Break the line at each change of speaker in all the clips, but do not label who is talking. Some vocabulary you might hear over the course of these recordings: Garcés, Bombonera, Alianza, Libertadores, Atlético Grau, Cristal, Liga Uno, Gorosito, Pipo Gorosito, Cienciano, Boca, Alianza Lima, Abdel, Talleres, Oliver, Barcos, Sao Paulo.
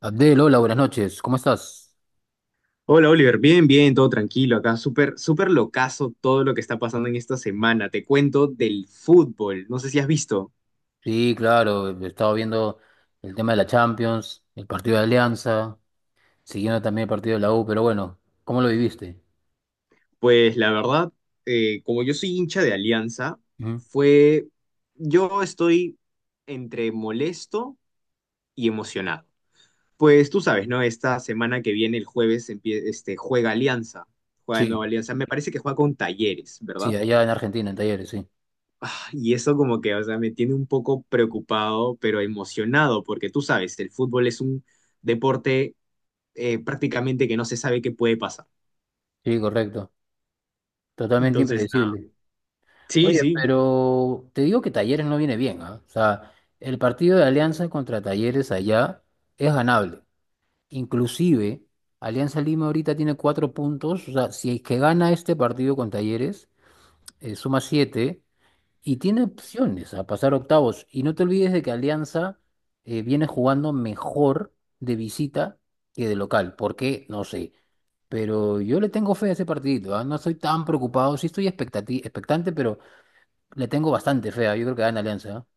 Abdel, hola, buenas noches. ¿Cómo estás?
Hola Oliver, bien, bien, todo tranquilo acá, súper, súper locazo todo lo que está pasando en esta semana. Te cuento del fútbol, no sé si has visto.
Sí, claro, he estado viendo el tema de la Champions, el partido de Alianza, siguiendo también el partido de la U, pero bueno, ¿cómo lo viviste?
Pues la verdad, como yo soy hincha de Alianza,
Ujú.
fue, yo estoy entre molesto y emocionado. Pues tú sabes, ¿no? Esta semana que viene, el jueves, juega Alianza, juega de nuevo
Sí,
Alianza, me parece que juega con Talleres,
sí,
¿verdad?
allá en Argentina, en Talleres, sí.
Y eso como que, o sea, me tiene un poco preocupado, pero emocionado, porque tú sabes, el fútbol es un deporte prácticamente que no se sabe qué puede pasar.
Sí, correcto. Totalmente
Entonces, nada.
impredecible.
Sí,
Oye,
sí.
pero te digo que Talleres no viene bien, ¿ah? O sea, el partido de Alianza contra Talleres allá es ganable. Inclusive, Alianza Lima ahorita tiene cuatro puntos, o sea, si es que gana este partido con Talleres suma 7 y tiene opciones a pasar octavos. Y no te olvides de que Alianza viene jugando mejor de visita que de local. ¿Por qué? No sé. Pero yo le tengo fe a ese partidito, ¿ah? No estoy tan preocupado. Sí estoy expectante, pero le tengo bastante fe. ¿Ah? Yo creo que gana Alianza. ¿Ah?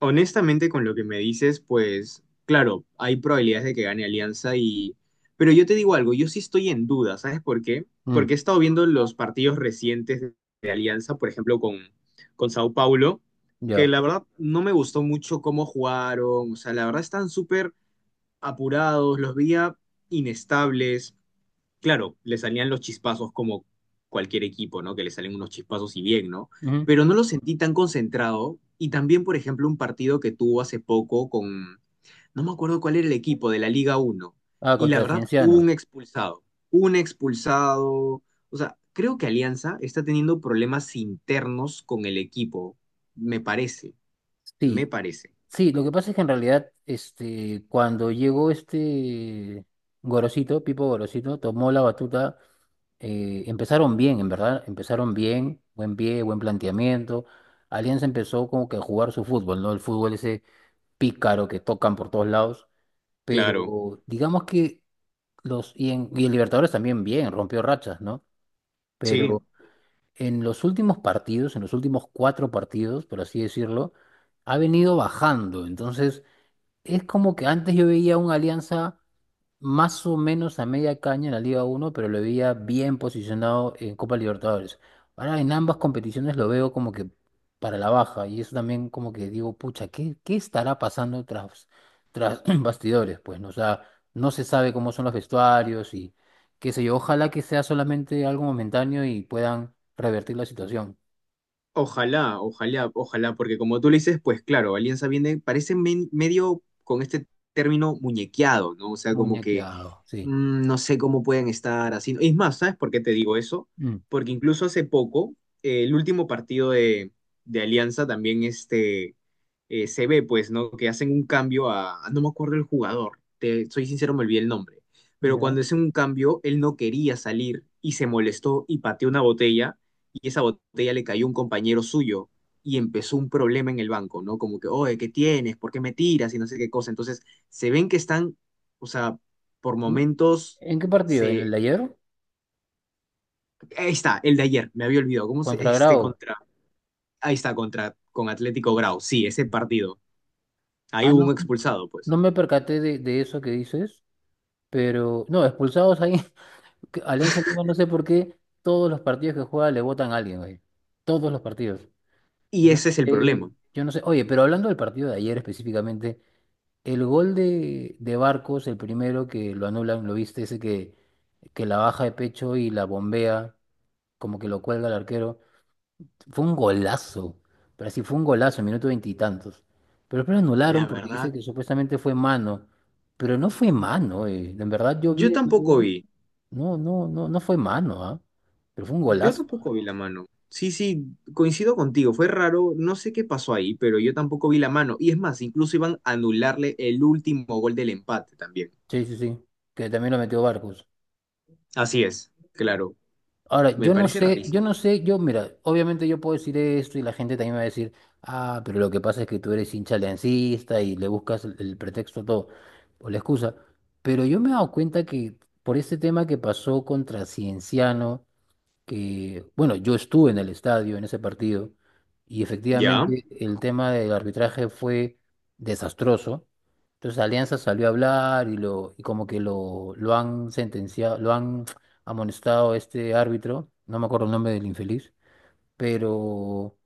Honestamente, con lo que me dices, pues, claro, hay probabilidades de que gane Alianza y... Pero yo te digo algo, yo sí estoy en duda, ¿sabes por qué?
Mm,
Porque he estado viendo los partidos recientes de Alianza, por ejemplo, con Sao Paulo, que
ya.
la verdad no me gustó mucho cómo jugaron, o sea, la verdad están súper apurados, los veía inestables. Claro, le salían los chispazos como cualquier equipo, ¿no? Que le salen unos chispazos y bien, ¿no?
Ujú.
Pero no lo sentí tan concentrado. Y también, por ejemplo, un partido que tuvo hace poco con, no me acuerdo cuál era el equipo de la Liga Uno.
Ah,
Y la
contra
verdad, hubo
Cienciano.
un expulsado. Un expulsado. O sea, creo que Alianza está teniendo problemas internos con el equipo. Me parece, me
Sí,
parece.
sí, lo que pasa es que en realidad, este, cuando llegó este Gorosito, Pipo Gorosito, tomó la batuta empezaron bien, en verdad, empezaron bien, buen pie, buen planteamiento. Alianza empezó como que a jugar su fútbol, ¿no? El fútbol ese pícaro que tocan por todos lados,
Claro,
pero digamos que los, y en Libertadores también bien, rompió rachas, ¿no?
sí.
Pero en los últimos partidos, en los últimos cuatro partidos, por así decirlo, ha venido bajando. Entonces, es como que antes yo veía una Alianza más o menos a media caña en la Liga uno pero lo veía bien posicionado en Copa Libertadores. Ahora en ambas competiciones lo veo como que para la baja y eso también como que digo, pucha, ¿qué estará pasando tras, tras bastidores? Pues no, o sea, no se sabe cómo son los vestuarios y qué sé yo, ojalá que sea solamente algo momentáneo y puedan revertir la situación.
Ojalá, ojalá, ojalá, porque como tú le dices, pues claro, Alianza viene, parece medio con este término muñequeado, ¿no? O sea, como que
Muñequeado, sí.
no sé cómo pueden estar así. Es más, ¿sabes por qué te digo eso?
Mm,
Porque incluso hace poco, el último partido de Alianza también se ve, pues, ¿no? Que hacen un cambio a, no me acuerdo el jugador, te, soy sincero, me olvidé el nombre, pero
¿Ya?
cuando hacen un cambio, él no quería salir y se molestó y pateó una botella y esa botella le cayó a un compañero suyo y empezó un problema en el banco, ¿no? Como que, oye, ¿qué tienes? ¿Por qué me tiras? Y no sé qué cosa. Entonces, se ven que están, o sea, por
¿En
momentos
en qué partido? ¿En el
se...
de ayer?
Ahí está, el de ayer, me había olvidado. ¿Cómo se...
¿Contra
Este
Grau?
contra... Ahí está, contra... con Atlético Grau. Sí, ese partido. Ahí
Ah,
hubo un
no.
expulsado, pues.
No me percaté de eso que dices, pero no, expulsados ahí, que Alianza Lima, no sé por qué, todos los partidos que juega le votan a alguien, güey. Todos los partidos.
Y
Yo no
ese es el
sé,
problema.
yo no sé. Oye, pero hablando del partido de ayer específicamente, el gol de Barcos, el primero que lo anulan, lo viste, ese que la baja de pecho y la bombea, como que lo cuelga el arquero. Fue un golazo. Pero sí fue un golazo, minuto veintitantos. Pero después lo anularon
La
porque dice
verdad,
que supuestamente fue mano. Pero no fue mano, eh. En verdad yo vi
yo
el
tampoco
gol.
vi.
No, no, no, no fue mano, ¿ah? Pero fue un
Yo
golazo.
tampoco vi la mano. Sí, sí, coincido contigo. Fue raro. No sé qué pasó ahí, pero yo tampoco vi la mano. Y es más, incluso iban a anularle el último gol del empate también.
Sí, sí, sí. Que también lo metió Barcos.
Así es, claro.
Ahora,
Me
yo no
parece
sé, yo
rarísimo.
no sé, yo, mira, obviamente yo puedo decir esto y la gente también me va a decir, ah, pero lo que pasa es que tú eres hincha aliancista y le buscas el pretexto a todo, o la excusa. Pero yo me he dado cuenta que por este tema que pasó contra Cienciano, que, bueno, yo estuve en el estadio en ese partido y
¿Ya?
efectivamente el tema del arbitraje fue desastroso. Entonces Alianza salió a hablar y lo y como que lo han sentenciado, lo han amonestado a este árbitro, no me acuerdo el nombre del infeliz, pero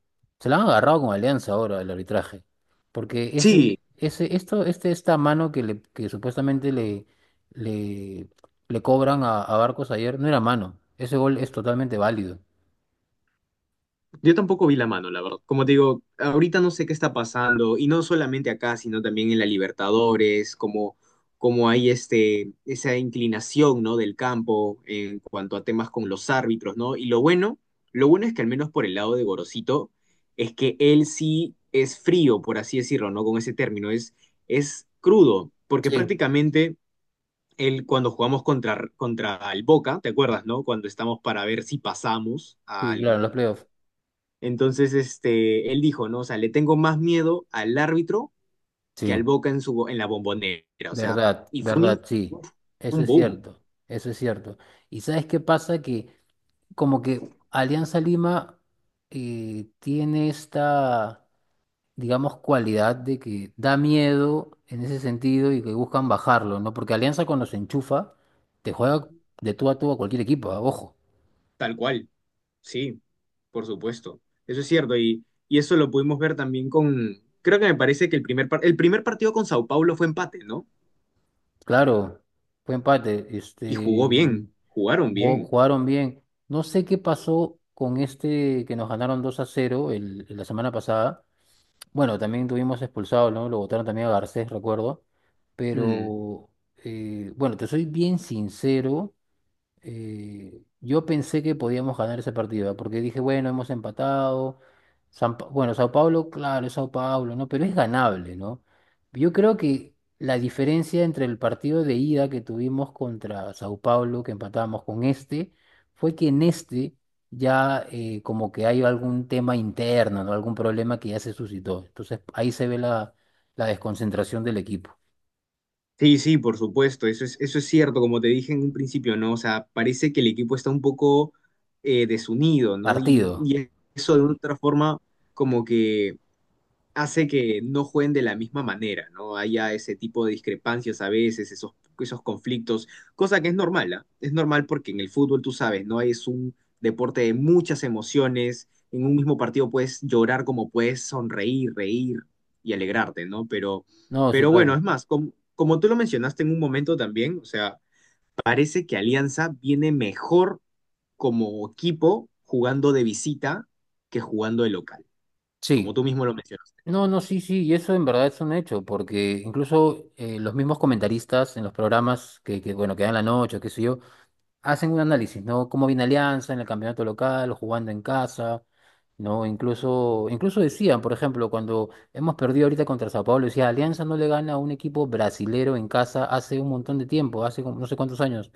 se la han agarrado con Alianza ahora el arbitraje, porque
Sí,
esta mano que le, que supuestamente le, le, le cobran a Barcos ayer, no era mano, ese gol es totalmente válido.
yo tampoco vi la mano, la verdad. Como te digo, ahorita no sé qué está pasando, y no solamente acá, sino también en la Libertadores, como, como hay este, esa inclinación, ¿no? del campo en cuanto a temas con los árbitros, ¿no? Y lo bueno es que al menos por el lado de Gorosito, es que él sí es frío, por así decirlo, ¿no? Con ese término, es crudo, porque
Sí,
prácticamente él cuando jugamos contra, contra el Boca, ¿te acuerdas, no? Cuando estamos para ver si pasamos
sí,
al
claro, los playoffs.
entonces, él dijo, ¿no? O sea, le tengo más miedo al árbitro que al
Sí,
Boca en su, en la Bombonera. O sea,
verdad,
y fue un,
verdad, sí.
uf,
Eso
un
es
boom,
cierto, eso es cierto. ¿Y sabes qué pasa? Que como que Alianza Lima tiene esta digamos, cualidad de que da miedo en ese sentido y que buscan bajarlo, ¿no? Porque Alianza cuando se enchufa, te juega de tú a tú a cualquier equipo, ah, Ojo.
tal cual. Sí, por supuesto. Eso es cierto. Y eso lo pudimos ver también con, creo que me parece que el primer, el primer partido con Sao Paulo fue empate, ¿no?
Claro, fue empate,
Y jugó
este,
bien, jugaron bien.
jugaron bien. No sé qué pasó con este que nos ganaron 2 a cero la semana pasada. Bueno, también tuvimos expulsado, ¿no? Lo votaron también a Garcés, recuerdo.
Mm.
Pero, bueno, te soy bien sincero. Yo pensé que podíamos ganar ese partido, ¿ah? Porque dije, bueno, hemos empatado. Bueno, Sao Paulo, claro, es Sao Paulo, ¿no? Pero es ganable, ¿no? Yo creo que la diferencia entre el partido de ida que tuvimos contra Sao Paulo, que empatamos con este, fue que en este ya como que hay algún tema interno, ¿no? Algún problema que ya se suscitó. Entonces ahí se ve la, la desconcentración del equipo.
Sí, sí, por supuesto, eso es cierto, como te dije en un principio, ¿no? O sea, parece que el equipo está un poco desunido, ¿no?
Partido.
Y eso de otra forma como que hace que no jueguen de la misma manera, ¿no? Haya ese tipo de discrepancias a veces, esos, esos conflictos, cosa que es normal, ¿ah? Es normal porque en el fútbol, tú sabes, ¿no? Es un deporte de muchas emociones, en un mismo partido puedes llorar como puedes sonreír, reír y alegrarte, ¿no?
No, sí,
Pero bueno,
claro.
es más, como tú lo mencionaste en un momento también, o sea, parece que Alianza viene mejor como equipo jugando de visita que jugando de local, como
Sí.
tú mismo lo mencionaste.
No, no, sí, sí, y eso en verdad es un hecho, porque incluso los mismos comentaristas en los programas que bueno, que dan la noche, qué sé yo, hacen un análisis, ¿no? Cómo viene Alianza en el campeonato local, jugando en casa, ¿no? Incluso, incluso decían, por ejemplo, cuando hemos perdido ahorita contra Sao Paulo, decía, Alianza no le gana a un equipo brasilero en casa hace un montón de tiempo, hace como no sé cuántos años,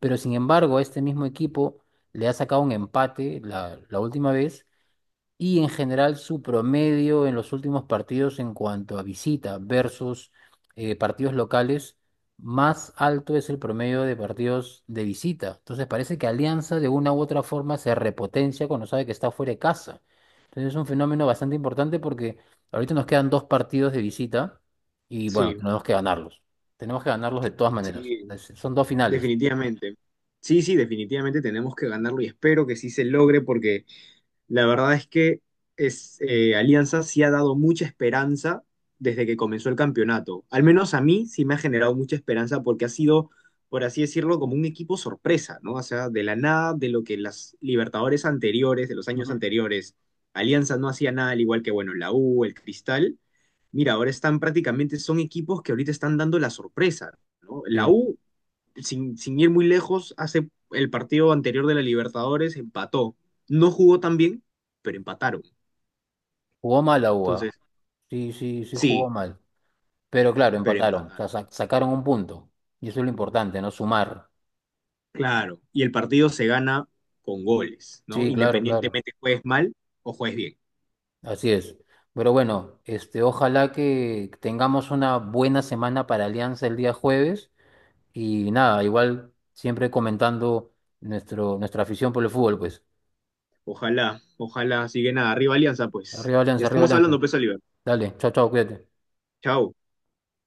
pero sin embargo, a este mismo equipo le ha sacado un empate la, la última vez y en general su promedio en los últimos partidos en cuanto a visita versus partidos locales, más alto es el promedio de partidos de visita. Entonces parece que Alianza de una u otra forma se repotencia cuando sabe que está fuera de casa. Entonces es un fenómeno bastante importante porque ahorita nos quedan dos partidos de visita y bueno,
Sí.
tenemos que ganarlos. Tenemos que ganarlos de todas maneras.
Sí,
Es- son dos finales.
definitivamente. Sí, sí, definitivamente tenemos que ganarlo y espero que sí se logre porque la verdad es que es, Alianza sí ha dado mucha esperanza desde que comenzó el campeonato. Al menos a mí sí me ha generado mucha esperanza porque ha sido, por así decirlo, como un equipo sorpresa, ¿no? O sea, de la nada, de lo que las Libertadores anteriores, de los años
Ujú.
anteriores, Alianza no hacía nada, al igual que, bueno, la U, el Cristal. Mira, ahora están prácticamente, son equipos que ahorita están dando la sorpresa, ¿no? La
Sí,
U sin, sin ir muy lejos, hace el partido anterior de la Libertadores empató. No jugó tan bien, pero empataron.
jugó mal la
Entonces,
UA. Sí, sí, sí jugó
sí,
mal. Pero claro,
pero
empataron, o sea,
empataron.
sacaron un punto. Y eso es lo importante, ¿no? Sumar.
Claro. Y el partido se gana con goles, ¿no?
Sí, claro, claro.
Independientemente juegues mal o juegues bien.
Así es. Pero bueno, este, ojalá que tengamos una buena semana para Alianza el día jueves. Y nada, igual siempre comentando nuestro, nuestra afición por el fútbol, pues.
Ojalá, ojalá siguen nada. Arriba Alianza, pues.
Arriba
Ya
Alianza, arriba
estamos
Alianza.
hablando, pues Oliver.
Dale, chao, chao, cuídate.
Chao.